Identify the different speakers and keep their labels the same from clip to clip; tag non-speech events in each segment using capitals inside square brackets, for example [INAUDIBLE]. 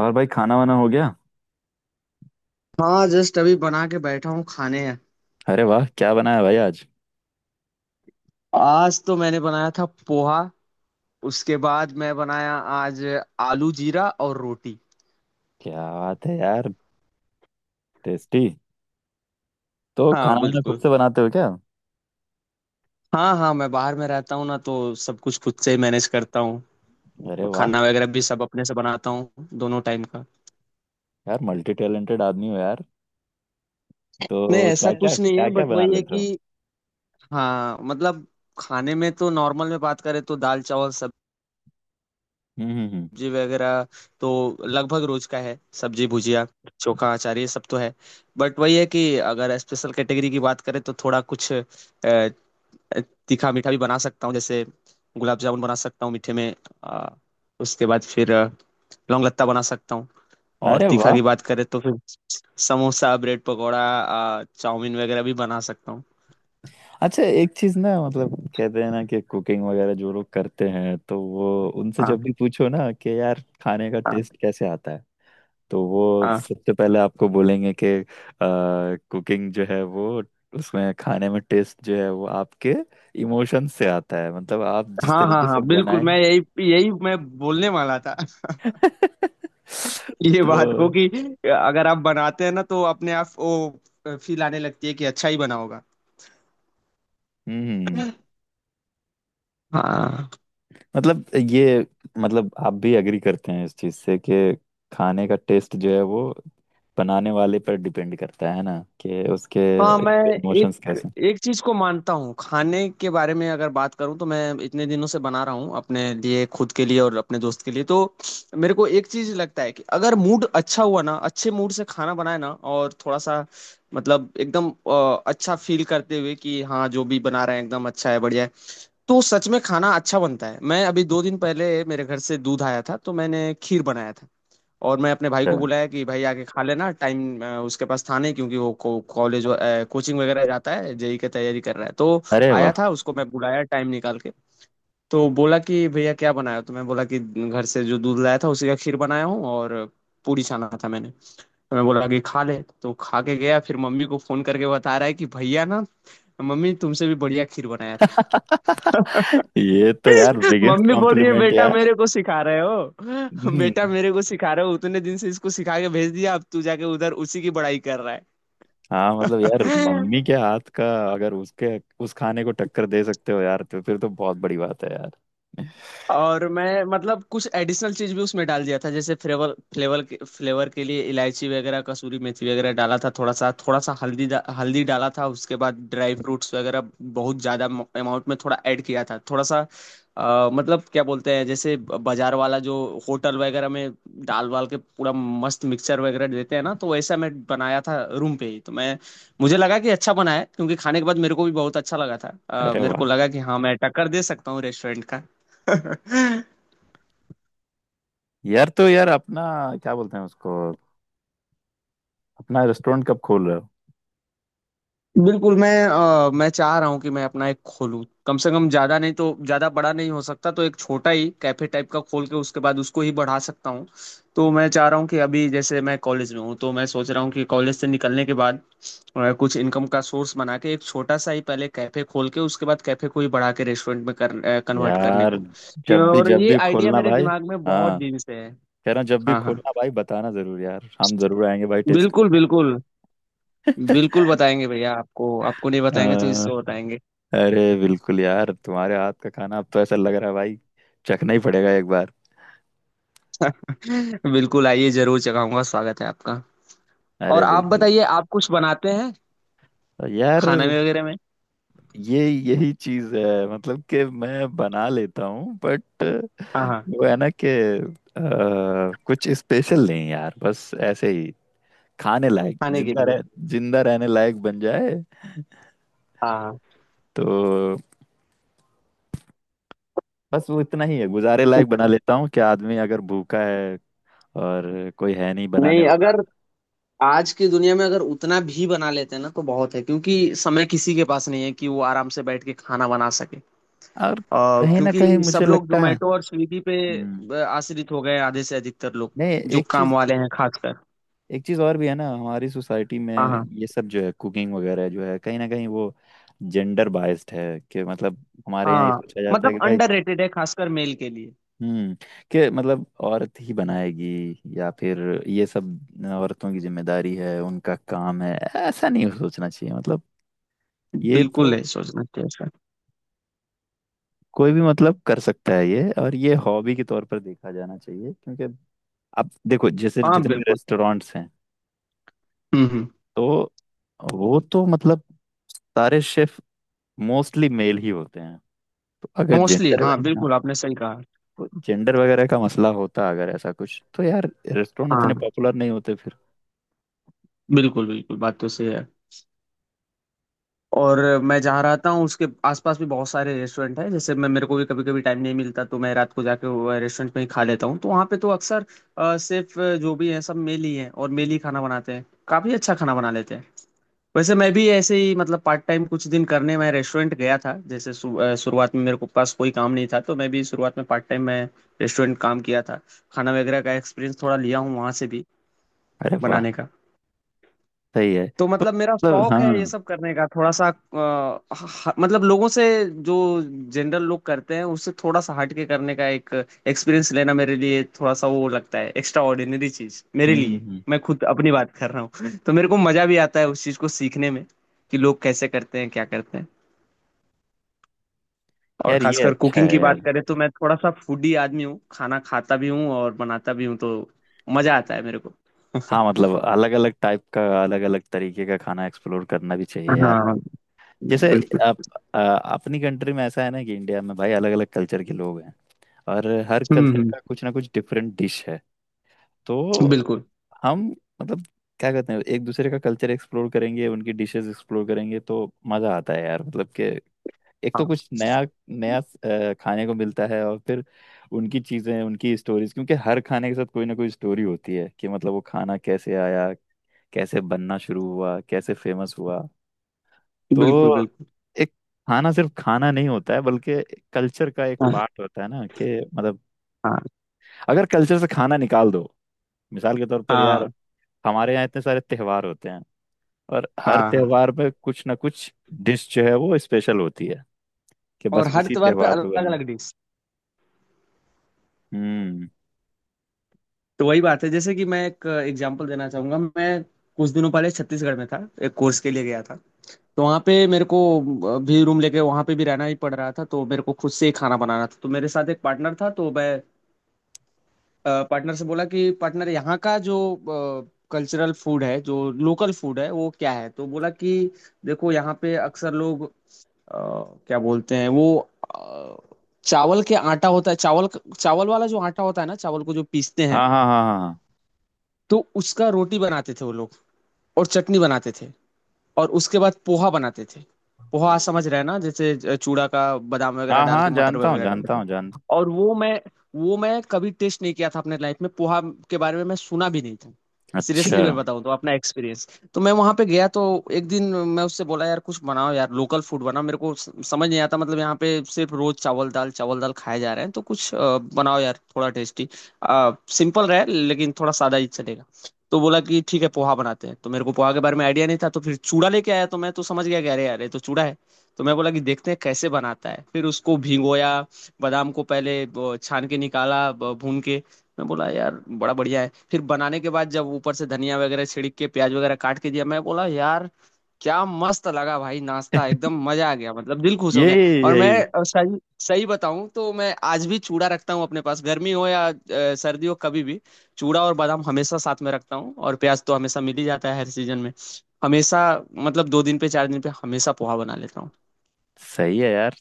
Speaker 1: और भाई, खाना वाना हो गया?
Speaker 2: हाँ, जस्ट अभी बना के बैठा हूँ खाने हैं।
Speaker 1: अरे वाह, क्या बनाया भाई आज?
Speaker 2: आज तो मैंने बनाया था पोहा। उसके बाद मैं बनाया आज आलू जीरा और रोटी।
Speaker 1: क्या बात है यार। टेस्टी। तो
Speaker 2: हाँ,
Speaker 1: खाना वाना खुद
Speaker 2: बिल्कुल।
Speaker 1: से बनाते हो क्या?
Speaker 2: हाँ हाँ, मैं बाहर में रहता हूँ ना तो सब कुछ खुद से ही मैनेज करता हूँ।
Speaker 1: अरे वाह।
Speaker 2: खाना वगैरह भी सब अपने से बनाता हूँ दोनों टाइम का।
Speaker 1: यार मल्टी टैलेंटेड आदमी हो यार।
Speaker 2: नहीं,
Speaker 1: तो
Speaker 2: ऐसा
Speaker 1: क्या क्या
Speaker 2: कुछ नहीं
Speaker 1: क्या
Speaker 2: है
Speaker 1: क्या
Speaker 2: बट
Speaker 1: बना
Speaker 2: वही है
Speaker 1: लेते हो?
Speaker 2: कि। हाँ, मतलब खाने में तो नॉर्मल में बात करें तो दाल चावल सब्जी,
Speaker 1: हम्म हम्म हम्म।
Speaker 2: सब्जी वगैरह तो लगभग रोज का है। सब्जी भुजिया चोखा अचार ये सब तो है। बट वही है कि अगर स्पेशल कैटेगरी की बात करें तो थोड़ा कुछ तीखा मीठा भी बना सकता हूँ। जैसे गुलाब जामुन बना सकता हूँ मीठे में, अ, उसके बाद फिर लौंग लत्ता बना सकता हूँ। और
Speaker 1: अरे
Speaker 2: तीखा
Speaker 1: वाह।
Speaker 2: की बात करें तो फिर समोसा ब्रेड पकौड़ा, चाउमीन वगैरह भी बना सकता हूँ।
Speaker 1: अच्छा एक चीज ना, मतलब कहते हैं ना कि कुकिंग वगैरह जो लोग करते हैं तो वो उनसे
Speaker 2: हाँ
Speaker 1: जब भी पूछो ना कि यार खाने का
Speaker 2: हाँ
Speaker 1: टेस्ट कैसे आता है, तो वो
Speaker 2: हाँ
Speaker 1: सबसे पहले आपको बोलेंगे कि कुकिंग जो है वो, उसमें खाने में टेस्ट जो है वो आपके इमोशन से आता है। मतलब आप जिस
Speaker 2: हाँ हाँ
Speaker 1: तरीके
Speaker 2: हाँ,
Speaker 1: से
Speaker 2: बिल्कुल।
Speaker 1: बनाएं।
Speaker 2: मैं यही, यही मैं बोलने वाला था।
Speaker 1: [LAUGHS]
Speaker 2: ये
Speaker 1: तो
Speaker 2: बात को कि अगर आप बनाते हैं ना तो अपने आप वो फील आने लगती है कि अच्छा ही बना होगा।
Speaker 1: हम्म।
Speaker 2: हाँ।
Speaker 1: मतलब ये, मतलब आप भी एग्री करते हैं इस चीज से कि खाने का टेस्ट जो है वो बनाने वाले पर डिपेंड करता है, ना कि उसके
Speaker 2: हाँ, मैं
Speaker 1: इमोशंस
Speaker 2: एक
Speaker 1: कैसे
Speaker 2: एक चीज को मानता हूँ। खाने के बारे में अगर बात करूँ तो मैं इतने दिनों से बना रहा हूँ अपने लिए, खुद के लिए और अपने दोस्त के लिए, तो मेरे को एक चीज लगता है कि अगर मूड अच्छा हुआ ना, अच्छे मूड से खाना बनाए ना और थोड़ा सा मतलब एकदम अच्छा फील करते हुए कि हाँ जो भी बना रहे हैं एकदम अच्छा है बढ़िया है, तो सच में खाना अच्छा बनता है। मैं अभी 2 दिन पहले मेरे घर से दूध आया था तो मैंने खीर बनाया था और मैं अपने भाई को
Speaker 1: हैं।
Speaker 2: बुलाया कि भाई आके खा लेना। टाइम उसके पास था नहीं क्योंकि वो कॉलेज, कोचिंग वगैरह जाता है। जेई की तैयारी कर रहा है, तो
Speaker 1: अरे
Speaker 2: आया
Speaker 1: वाह,
Speaker 2: था उसको मैं बुलाया टाइम निकाल के। तो बोला कि भैया क्या बनाया हो? तो मैं बोला कि घर से जो दूध लाया था उसी का खीर बनाया हूँ और पूरी छाना था मैंने। तो मैं बोला कि खा ले। तो खा के गया, फिर मम्मी को फोन करके बता रहा है कि भैया ना, मम्मी, तुमसे भी बढ़िया खीर बनाया था। [LAUGHS]
Speaker 1: ये तो यार बिगेस्ट
Speaker 2: मम्मी बोल रही है
Speaker 1: कॉम्प्लीमेंट
Speaker 2: बेटा
Speaker 1: यार।
Speaker 2: मेरे को सिखा रहे हो,
Speaker 1: हम्म।
Speaker 2: बेटा मेरे को सिखा रहे हो, उतने दिन से इसको सिखा के भेज दिया अब तू जाके उधर उसी की बड़ाई कर रहा
Speaker 1: हाँ, मतलब यार
Speaker 2: है।
Speaker 1: मम्मी
Speaker 2: [LAUGHS]
Speaker 1: के हाथ का, अगर उसके उस खाने को टक्कर दे सकते हो यार तो फिर तो बहुत बड़ी बात है यार।
Speaker 2: और मैं मतलब कुछ एडिशनल चीज भी उसमें डाल दिया था, जैसे फ्लेवर, फ्लेवर के लिए इलायची वगैरह, कसूरी मेथी वगैरह डाला था। थोड़ा सा हल्दी हल्दी डाला था। उसके बाद ड्राई फ्रूट्स वगैरह बहुत ज्यादा अमाउंट में थोड़ा ऐड किया था, थोड़ा सा। मतलब क्या बोलते हैं जैसे बाजार वाला जो होटल वगैरह में डाल वाल के पूरा मस्त मिक्सचर वगैरह देते हैं ना, तो वैसा मैं बनाया था रूम पे ही। तो मैं, मुझे लगा कि अच्छा बना है क्योंकि खाने के बाद मेरे को भी बहुत अच्छा लगा था।
Speaker 1: अरे
Speaker 2: मेरे को
Speaker 1: वाह।
Speaker 2: लगा कि हाँ, मैं टक्कर दे सकता हूँ रेस्टोरेंट। [LAUGHS]
Speaker 1: यार तो यार अपना, क्या बोलते हैं उसको, अपना रेस्टोरेंट कब खोल रहे हो?
Speaker 2: बिल्कुल। मैं चाह रहा हूँ कि मैं अपना एक खोलूँ, कम से कम। ज्यादा नहीं तो, ज्यादा बड़ा नहीं हो सकता तो एक छोटा ही कैफे टाइप का खोल के उसके बाद उसको ही बढ़ा सकता हूँ। तो मैं चाह रहा हूँ कि अभी जैसे मैं कॉलेज में हूँ, तो मैं सोच रहा हूँ कि कॉलेज से निकलने के बाद कुछ इनकम का सोर्स बना के एक छोटा सा ही पहले कैफे खोल के उसके बाद कैफे को ही बढ़ा के रेस्टोरेंट में कन्वर्ट करने
Speaker 1: यार
Speaker 2: को। और
Speaker 1: जब
Speaker 2: ये
Speaker 1: भी
Speaker 2: आइडिया
Speaker 1: खोलना
Speaker 2: मेरे
Speaker 1: भाई।
Speaker 2: दिमाग में बहुत
Speaker 1: हाँ,
Speaker 2: दिन से है।
Speaker 1: कह रहा हूँ जब भी
Speaker 2: हाँ हाँ,
Speaker 1: खोलना भाई, बताना जरूर यार, हम जरूर आएंगे भाई टेस्ट।
Speaker 2: बिल्कुल बिल्कुल। बिल्कुल बताएंगे भैया। आपको आपको नहीं बताएंगे तो इसको बताएंगे।
Speaker 1: अरे बिल्कुल यार, तुम्हारे हाथ का खाना अब तो ऐसा लग रहा है भाई चखना ही पड़ेगा एक बार।
Speaker 2: बिल्कुल आइए, जरूर चखाऊंगा, स्वागत है आपका। और
Speaker 1: अरे
Speaker 2: आप
Speaker 1: बिल्कुल।
Speaker 2: बताइए, आप कुछ बनाते हैं
Speaker 1: यार
Speaker 2: खाना में वगैरह में?
Speaker 1: ये यही चीज है, मतलब कि मैं बना लेता हूँ बट
Speaker 2: हाँ हाँ,
Speaker 1: वो है ना कि अ, कुछ स्पेशल नहीं यार, बस ऐसे ही। खाने लायक
Speaker 2: खाने के
Speaker 1: जिंदा
Speaker 2: लिए।
Speaker 1: रह जिंदा रहने लायक बन जाए,
Speaker 2: हाँ हाँ।
Speaker 1: तो बस वो इतना ही है, गुजारे लायक बना लेता हूँ कि आदमी अगर भूखा है और कोई है नहीं बनाने
Speaker 2: नहीं,
Speaker 1: वाला।
Speaker 2: अगर आज की दुनिया में अगर उतना भी बना लेते हैं ना तो बहुत है, क्योंकि समय किसी के पास नहीं है कि वो आराम से बैठ के खाना बना सके।
Speaker 1: और
Speaker 2: और
Speaker 1: कहीं ना
Speaker 2: क्योंकि
Speaker 1: कहीं
Speaker 2: सब
Speaker 1: मुझे
Speaker 2: लोग
Speaker 1: लगता है
Speaker 2: जोमेटो और स्विगी पे
Speaker 1: हम्म,
Speaker 2: आश्रित हो गए हैं, आधे से अधिकतर लोग,
Speaker 1: नहीं
Speaker 2: जो काम वाले हैं खासकर।
Speaker 1: एक चीज़ और भी है ना हमारी सोसाइटी में।
Speaker 2: हाँ हाँ।
Speaker 1: ये सब जो है कुकिंग वगैरह जो है, कहीं ना कहीं वो जेंडर बाइस्ड है। कि मतलब हमारे यहाँ ये
Speaker 2: हाँ,
Speaker 1: सोचा जाता है
Speaker 2: मतलब
Speaker 1: कि भाई
Speaker 2: अंडररेटेड है खासकर मेल के लिए।
Speaker 1: हम्म, कि मतलब औरत ही बनाएगी, या फिर ये सब औरतों की जिम्मेदारी है, उनका काम है। ऐसा नहीं सोचना चाहिए। मतलब ये तो
Speaker 2: बिल्कुल नहीं सोचना चाहिए सर।
Speaker 1: कोई भी मतलब कर सकता है ये, और ये हॉबी के तौर पर देखा जाना चाहिए। क्योंकि अब देखो जैसे
Speaker 2: हाँ,
Speaker 1: जितने भी
Speaker 2: बिल्कुल।
Speaker 1: रेस्टोरेंट्स हैं
Speaker 2: हम्म।
Speaker 1: तो वो तो मतलब सारे शेफ मोस्टली मेल ही होते हैं। तो अगर
Speaker 2: मोस्टली
Speaker 1: जेंडर
Speaker 2: हाँ,
Speaker 1: ना
Speaker 2: बिल्कुल आपने सही कहा।
Speaker 1: तो जेंडर वगैरह का मसला होता अगर ऐसा कुछ, तो यार रेस्टोरेंट इतने
Speaker 2: हाँ,
Speaker 1: पॉपुलर नहीं होते फिर।
Speaker 2: बिल्कुल बिल्कुल, बात तो सही है। और मैं जहाँ रहता हूँ उसके आसपास भी बहुत सारे रेस्टोरेंट हैं। जैसे मैं, मेरे को भी कभी कभी टाइम नहीं मिलता तो मैं रात को जाके वो रेस्टोरेंट में ही खा लेता हूँ, तो वहाँ पे तो अक्सर सिर्फ जो भी हैं सब मेल ही हैं और मेल ही खाना बनाते हैं, काफी अच्छा खाना बना लेते हैं। वैसे मैं भी ऐसे ही मतलब पार्ट टाइम कुछ दिन करने मैं रेस्टोरेंट गया था। जैसे शुरुआत में मेरे को पास कोई काम नहीं था तो मैं भी शुरुआत में पार्ट टाइम में रेस्टोरेंट काम किया था। खाना वगैरह का एक्सपीरियंस थोड़ा लिया हूँ वहाँ से भी
Speaker 1: अरे वाह।
Speaker 2: बनाने का।
Speaker 1: सही है।
Speaker 2: तो
Speaker 1: तो
Speaker 2: मतलब मेरा
Speaker 1: मतलब हाँ
Speaker 2: शौक है ये सब करने का थोड़ा सा। मतलब लोगों से, जो जनरल लोग करते हैं उससे थोड़ा सा हट के करने का एक एक्सपीरियंस लेना मेरे लिए थोड़ा सा वो लगता है, एक्स्ट्रा ऑर्डिनरी चीज मेरे
Speaker 1: हम्म,
Speaker 2: लिए।
Speaker 1: हम्म।
Speaker 2: मैं खुद अपनी बात कर रहा हूँ। [LAUGHS] तो मेरे को मजा भी आता है उस चीज को सीखने में कि लोग कैसे करते हैं, क्या करते हैं। और
Speaker 1: यार ये
Speaker 2: खासकर
Speaker 1: अच्छा
Speaker 2: कुकिंग
Speaker 1: है
Speaker 2: की
Speaker 1: यार।
Speaker 2: बात करें तो मैं थोड़ा सा फूडी आदमी हूँ, खाना खाता भी हूँ और बनाता भी हूँ तो मजा आता है मेरे को।
Speaker 1: हाँ मतलब अलग अलग टाइप का अलग अलग तरीके का खाना एक्सप्लोर करना भी चाहिए यार।
Speaker 2: हाँ,
Speaker 1: जैसे
Speaker 2: बिल्कुल।
Speaker 1: आप अपनी कंट्री में ऐसा है ना कि इंडिया में भाई अलग अलग कल्चर के लोग हैं, और हर
Speaker 2: हम्म
Speaker 1: कल्चर
Speaker 2: हम्म,
Speaker 1: का कुछ ना कुछ डिफरेंट डिश है। तो
Speaker 2: बिल्कुल।
Speaker 1: हम मतलब क्या कहते हैं, एक दूसरे का कल्चर एक्सप्लोर करेंगे, उनकी डिशेस एक्सप्लोर करेंगे तो मजा आता है यार। मतलब कि एक तो
Speaker 2: हाँ,
Speaker 1: कुछ नया नया अ, खाने को मिलता है, और फिर उनकी चीजें उनकी स्टोरीज, क्योंकि हर खाने के साथ कोई ना कोई स्टोरी होती है कि मतलब वो खाना कैसे आया, कैसे बनना शुरू हुआ, कैसे फेमस हुआ।
Speaker 2: बिल्कुल
Speaker 1: तो
Speaker 2: बिल्कुल।
Speaker 1: एक खाना सिर्फ खाना नहीं होता है, बल्कि कल्चर का एक पार्ट होता है ना कि मतलब।
Speaker 2: हाँ
Speaker 1: अगर कल्चर से खाना निकाल दो, मिसाल के तौर पर यार,
Speaker 2: हाँ
Speaker 1: हमारे यहाँ इतने सारे त्योहार होते हैं, और हर
Speaker 2: हाँ हाँ,
Speaker 1: त्योहार में कुछ ना कुछ डिश जो है वो स्पेशल होती है, कि
Speaker 2: और
Speaker 1: बस
Speaker 2: हर
Speaker 1: उसी
Speaker 2: त्योहार पे
Speaker 1: त्योहार पे
Speaker 2: अलग
Speaker 1: बने।
Speaker 2: अलग डिश।
Speaker 1: हम्म।
Speaker 2: तो वही बात है, जैसे कि मैं एक एग्जांपल देना चाहूंगा। मैं कुछ दिनों पहले छत्तीसगढ़ में था, एक कोर्स के लिए गया था। तो वहाँ पे मेरे को भी रूम लेके वहाँ पे भी रहना ही पड़ रहा था, तो मेरे को खुद से ही खाना बनाना था। तो मेरे साथ एक पार्टनर था, तो मैं पार्टनर से बोला कि पार्टनर यहाँ का जो कल्चरल फूड है, जो लोकल फूड है वो क्या है? तो बोला कि देखो यहाँ पे अक्सर लोग अ, क्या बोलते हैं वो, अ, चावल के आटा होता है, चावल, चावल वाला जो आटा होता है ना, चावल को जो पीसते हैं,
Speaker 1: हाँ हाँ हाँ हाँ।
Speaker 2: तो उसका रोटी बनाते थे वो लोग। और चटनी बनाते थे और उसके बाद पोहा बनाते थे। पोहा, हम्म, समझ रहे हैं ना, जैसे चूड़ा का बादाम
Speaker 1: हाँ
Speaker 2: वगैरह
Speaker 1: हाँ
Speaker 2: डाल के,
Speaker 1: हाँ,
Speaker 2: मटर
Speaker 1: जानता हूँ
Speaker 2: वगैरह डाल
Speaker 1: जानता
Speaker 2: के।
Speaker 1: हूँ जानता
Speaker 2: और वो मैं कभी टेस्ट नहीं किया था अपने लाइफ में। पोहा के बारे में मैं सुना भी नहीं था,
Speaker 1: हूँ। अच्छा।
Speaker 2: सीरियसली मैं बताऊं तो अपना एक्सपीरियंस। तो मैं वहां पे गया, तो एक दिन मैं उससे बोला यार कुछ बनाओ यार, लोकल फूड बनाओ, मेरे को समझ नहीं आता मतलब, यहाँ पे सिर्फ रोज चावल दाल खाए जा रहे हैं। तो कुछ बनाओ यार थोड़ा टेस्टी, सिंपल रहे, लेकिन थोड़ा सादा ही चलेगा। तो बोला कि ठीक है पोहा बनाते हैं। तो मेरे को पोहा के बारे में आइडिया नहीं था। तो फिर चूड़ा लेके आया तो मैं तो समझ गया कि अरे यार ये तो चूड़ा है। तो मैं बोला कि देखते हैं कैसे बनाता है। फिर उसको भिगोया, बादाम को पहले छान के निकाला, भून के। मैं बोला यार बड़ा बढ़िया है। फिर बनाने के बाद जब ऊपर से धनिया वगैरह छिड़क के, प्याज वगैरह काट के दिया, मैं बोला यार क्या मस्त लगा भाई, नाश्ता
Speaker 1: [LAUGHS]
Speaker 2: एकदम मजा आ गया, मतलब दिल खुश हो गया।
Speaker 1: यही
Speaker 2: और मैं
Speaker 1: यही।
Speaker 2: सही सही बताऊं तो मैं आज भी चूड़ा रखता हूँ अपने पास। गर्मी हो या सर्दी हो कभी भी चूड़ा और बादाम हमेशा साथ में रखता हूँ, और प्याज तो हमेशा मिल ही जाता है हर सीजन में। हमेशा, मतलब 2 दिन पे 4 दिन पे हमेशा पोहा बना लेता हूँ।
Speaker 1: सही है यार।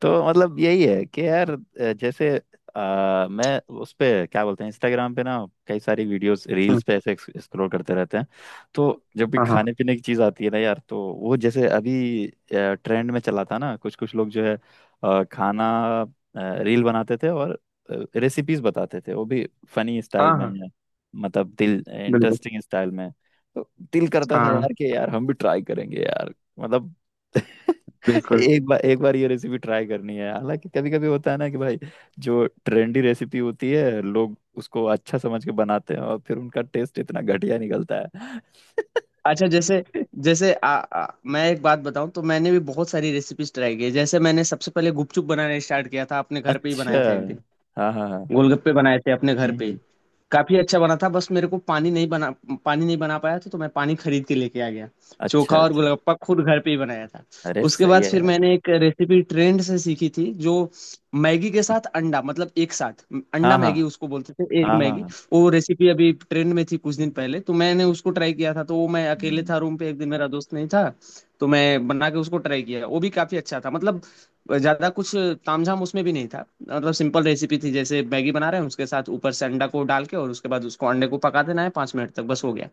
Speaker 1: तो मतलब यही है कि यार जैसे मैं उस पे क्या बोलते हैं इंस्टाग्राम पे ना, कई सारी वीडियोस
Speaker 2: हम्म,
Speaker 1: रील्स पे ऐसे स्क्रॉल करते रहते हैं। तो जब भी
Speaker 2: हाँ हाँ
Speaker 1: खाने पीने की चीज़ आती है ना यार, तो वो जैसे अभी ट्रेंड में चला था ना, कुछ कुछ लोग जो है खाना रील बनाते थे, और रेसिपीज बताते थे वो भी फनी
Speaker 2: हाँ
Speaker 1: स्टाइल में,
Speaker 2: हाँ,
Speaker 1: मतलब दिल
Speaker 2: बिल्कुल।
Speaker 1: इंटरेस्टिंग स्टाइल में। तो दिल करता था
Speaker 2: हाँ,
Speaker 1: यार कि यार हम भी ट्राई करेंगे यार। मतलब [LAUGHS]
Speaker 2: बिल्कुल।
Speaker 1: एक बार ये रेसिपी ट्राई करनी है। हालांकि कभी कभी होता है ना कि भाई जो ट्रेंडी रेसिपी होती है, लोग उसको अच्छा समझ के बनाते हैं, और फिर उनका टेस्ट इतना घटिया निकलता है।
Speaker 2: अच्छा, जैसे,
Speaker 1: [LAUGHS]
Speaker 2: जैसे आ, आ, मैं एक बात बताऊं तो मैंने भी बहुत सारी रेसिपीज ट्राई की है। जैसे मैंने सबसे पहले गुपचुप बनाना स्टार्ट किया था, अपने घर पे ही
Speaker 1: अच्छा।
Speaker 2: बनाया था एक दिन।
Speaker 1: हाँ हाँ हाँ।
Speaker 2: गोलगप्पे बनाए थे अपने घर पे।
Speaker 1: हम्म।
Speaker 2: काफी अच्छा बना था, बस मेरे को पानी नहीं बना पाया था, तो मैं पानी खरीद के लेके आ गया।
Speaker 1: अच्छा
Speaker 2: चोखा और
Speaker 1: अच्छा।
Speaker 2: गोलगप्पा खुद घर पे ही बनाया था।
Speaker 1: अरे
Speaker 2: उसके
Speaker 1: सही
Speaker 2: बाद
Speaker 1: है
Speaker 2: फिर
Speaker 1: यार।
Speaker 2: मैंने एक रेसिपी ट्रेंड से सीखी थी जो मैगी के साथ अंडा, मतलब एक साथ अंडा
Speaker 1: हाँ हाँ
Speaker 2: मैगी, उसको बोलते थे एक
Speaker 1: हाँ
Speaker 2: मैगी।
Speaker 1: हाँ।
Speaker 2: वो रेसिपी अभी ट्रेंड में थी कुछ दिन पहले, तो मैंने उसको ट्राई किया था। तो वो, मैं अकेले
Speaker 1: हम्म,
Speaker 2: था रूम पे एक दिन, मेरा दोस्त नहीं था, तो मैं बना के उसको ट्राई किया। वो भी काफी अच्छा था, मतलब ज्यादा कुछ तामझाम उसमें भी नहीं था। मतलब सिंपल रेसिपी थी, जैसे मैगी बना रहे हैं उसके साथ ऊपर से अंडा को डाल के और उसके बाद उसको, अंडे को पका देना है 5 मिनट तक, बस हो गया।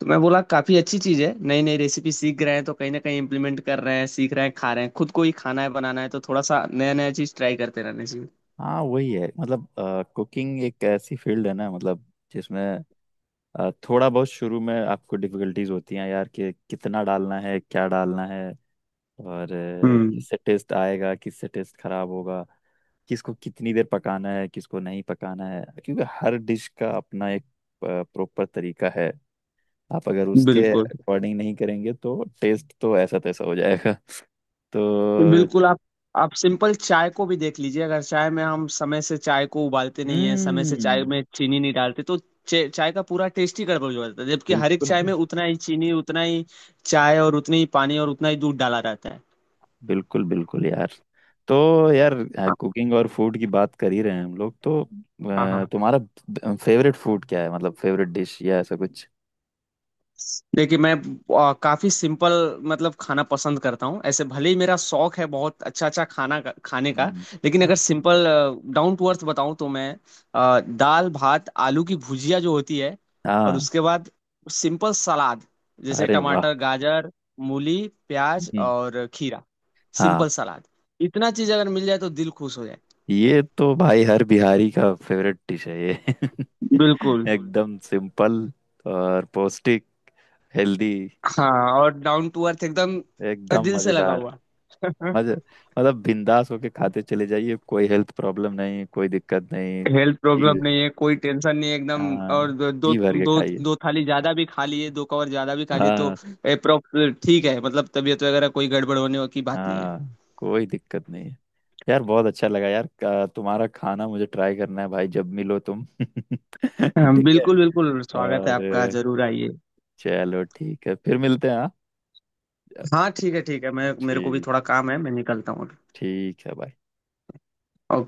Speaker 2: तो मैं बोला काफी अच्छी चीज है, नई नई रेसिपी सीख रहे हैं तो कहीं ना कहीं इम्प्लीमेंट कर रहे हैं, सीख रहे हैं, खा रहे हैं, खुद को ही खाना है बनाना है, तो थोड़ा सा नया नया चीज ट्राई करते रहना चाहिए।
Speaker 1: हाँ वही है। मतलब कुकिंग एक ऐसी फील्ड है ना, मतलब जिसमें थोड़ा बहुत शुरू में आपको डिफिकल्टीज होती हैं यार कि कितना डालना है, क्या डालना है, और
Speaker 2: हम्म,
Speaker 1: किससे टेस्ट आएगा किससे टेस्ट खराब होगा, किसको कितनी देर पकाना है किसको नहीं पकाना है, क्योंकि हर डिश का अपना एक प्रॉपर तरीका है। आप अगर उसके
Speaker 2: बिल्कुल
Speaker 1: अकॉर्डिंग नहीं करेंगे तो टेस्ट तो ऐसा तैसा हो जाएगा। [LAUGHS] तो
Speaker 2: बिल्कुल। आप सिंपल चाय को भी देख लीजिए, अगर चाय में हम समय से चाय को उबालते नहीं है, समय से चाय
Speaker 1: हम्म।
Speaker 2: में चीनी नहीं डालते तो चाय का पूरा टेस्ट ही गड़बड़ हो जाता है, जबकि हर एक
Speaker 1: बिल्कुल।
Speaker 2: चाय में उतना ही चीनी, उतना ही चाय और उतनी ही पानी और उतना ही दूध डाला रहता है।
Speaker 1: बिल्कुल यार। तो यार
Speaker 2: हाँ
Speaker 1: कुकिंग और फूड की बात कर ही रहे हैं हम लोग, तो
Speaker 2: हाँ। हाँ।
Speaker 1: तुम्हारा फेवरेट फूड क्या है, मतलब फेवरेट डिश या ऐसा कुछ?
Speaker 2: देखिए मैं काफी सिंपल मतलब खाना पसंद करता हूँ ऐसे, भले ही मेरा शौक है बहुत अच्छा अच्छा खाना खाने का।
Speaker 1: हम्म।
Speaker 2: लेकिन अगर सिंपल डाउन टू अर्थ बताऊँ तो मैं दाल भात, आलू की भुजिया जो होती है, और
Speaker 1: हाँ।
Speaker 2: उसके बाद सिंपल सलाद, जैसे
Speaker 1: अरे वाह।
Speaker 2: टमाटर, गाजर, मूली, प्याज
Speaker 1: हम्म।
Speaker 2: और खीरा,
Speaker 1: हाँ।
Speaker 2: सिंपल सलाद, इतना चीज अगर मिल जाए तो दिल खुश हो जाए।
Speaker 1: ये तो भाई हर बिहारी का फेवरेट डिश है ये। [LAUGHS]
Speaker 2: बिल्कुल।
Speaker 1: एकदम सिंपल, और पौष्टिक, हेल्दी।
Speaker 2: हाँ, और डाउन टू अर्थ एकदम
Speaker 1: एकदम
Speaker 2: दिल से लगा
Speaker 1: मजेदार।
Speaker 2: हुआ। [LAUGHS]
Speaker 1: मजे मतलब बिंदास होके खाते चले जाइए, कोई हेल्थ प्रॉब्लम नहीं, कोई दिक्कत नहीं।
Speaker 2: हेल्थ प्रॉब्लम
Speaker 1: जी।
Speaker 2: नहीं है, कोई टेंशन नहीं है एकदम।
Speaker 1: हाँ,
Speaker 2: और
Speaker 1: जी भर के
Speaker 2: दो
Speaker 1: खाइए।
Speaker 2: दो थाली ज्यादा भी खा लिए, 2 कवर ज्यादा भी खा लिए तो
Speaker 1: हाँ,
Speaker 2: अप्रोक्स ठीक है, मतलब तबीयत वगैरह कोई गड़बड़ होने की बात नहीं है।
Speaker 1: हाँ कोई दिक्कत नहीं है। यार बहुत अच्छा लगा यार। तुम्हारा खाना मुझे ट्राई करना है भाई, जब मिलो तुम। [LAUGHS]
Speaker 2: हाँ,
Speaker 1: ठीक है।
Speaker 2: बिल्कुल बिल्कुल, स्वागत है
Speaker 1: और
Speaker 2: आपका, जरूर आइए।
Speaker 1: चलो ठीक है, फिर मिलते हैं। हाँ।
Speaker 2: हाँ, ठीक है ठीक है, मैं, मेरे को भी
Speaker 1: ठीक,
Speaker 2: थोड़ा काम है, मैं निकलता हूँ
Speaker 1: ठीक है भाई।
Speaker 2: अभी।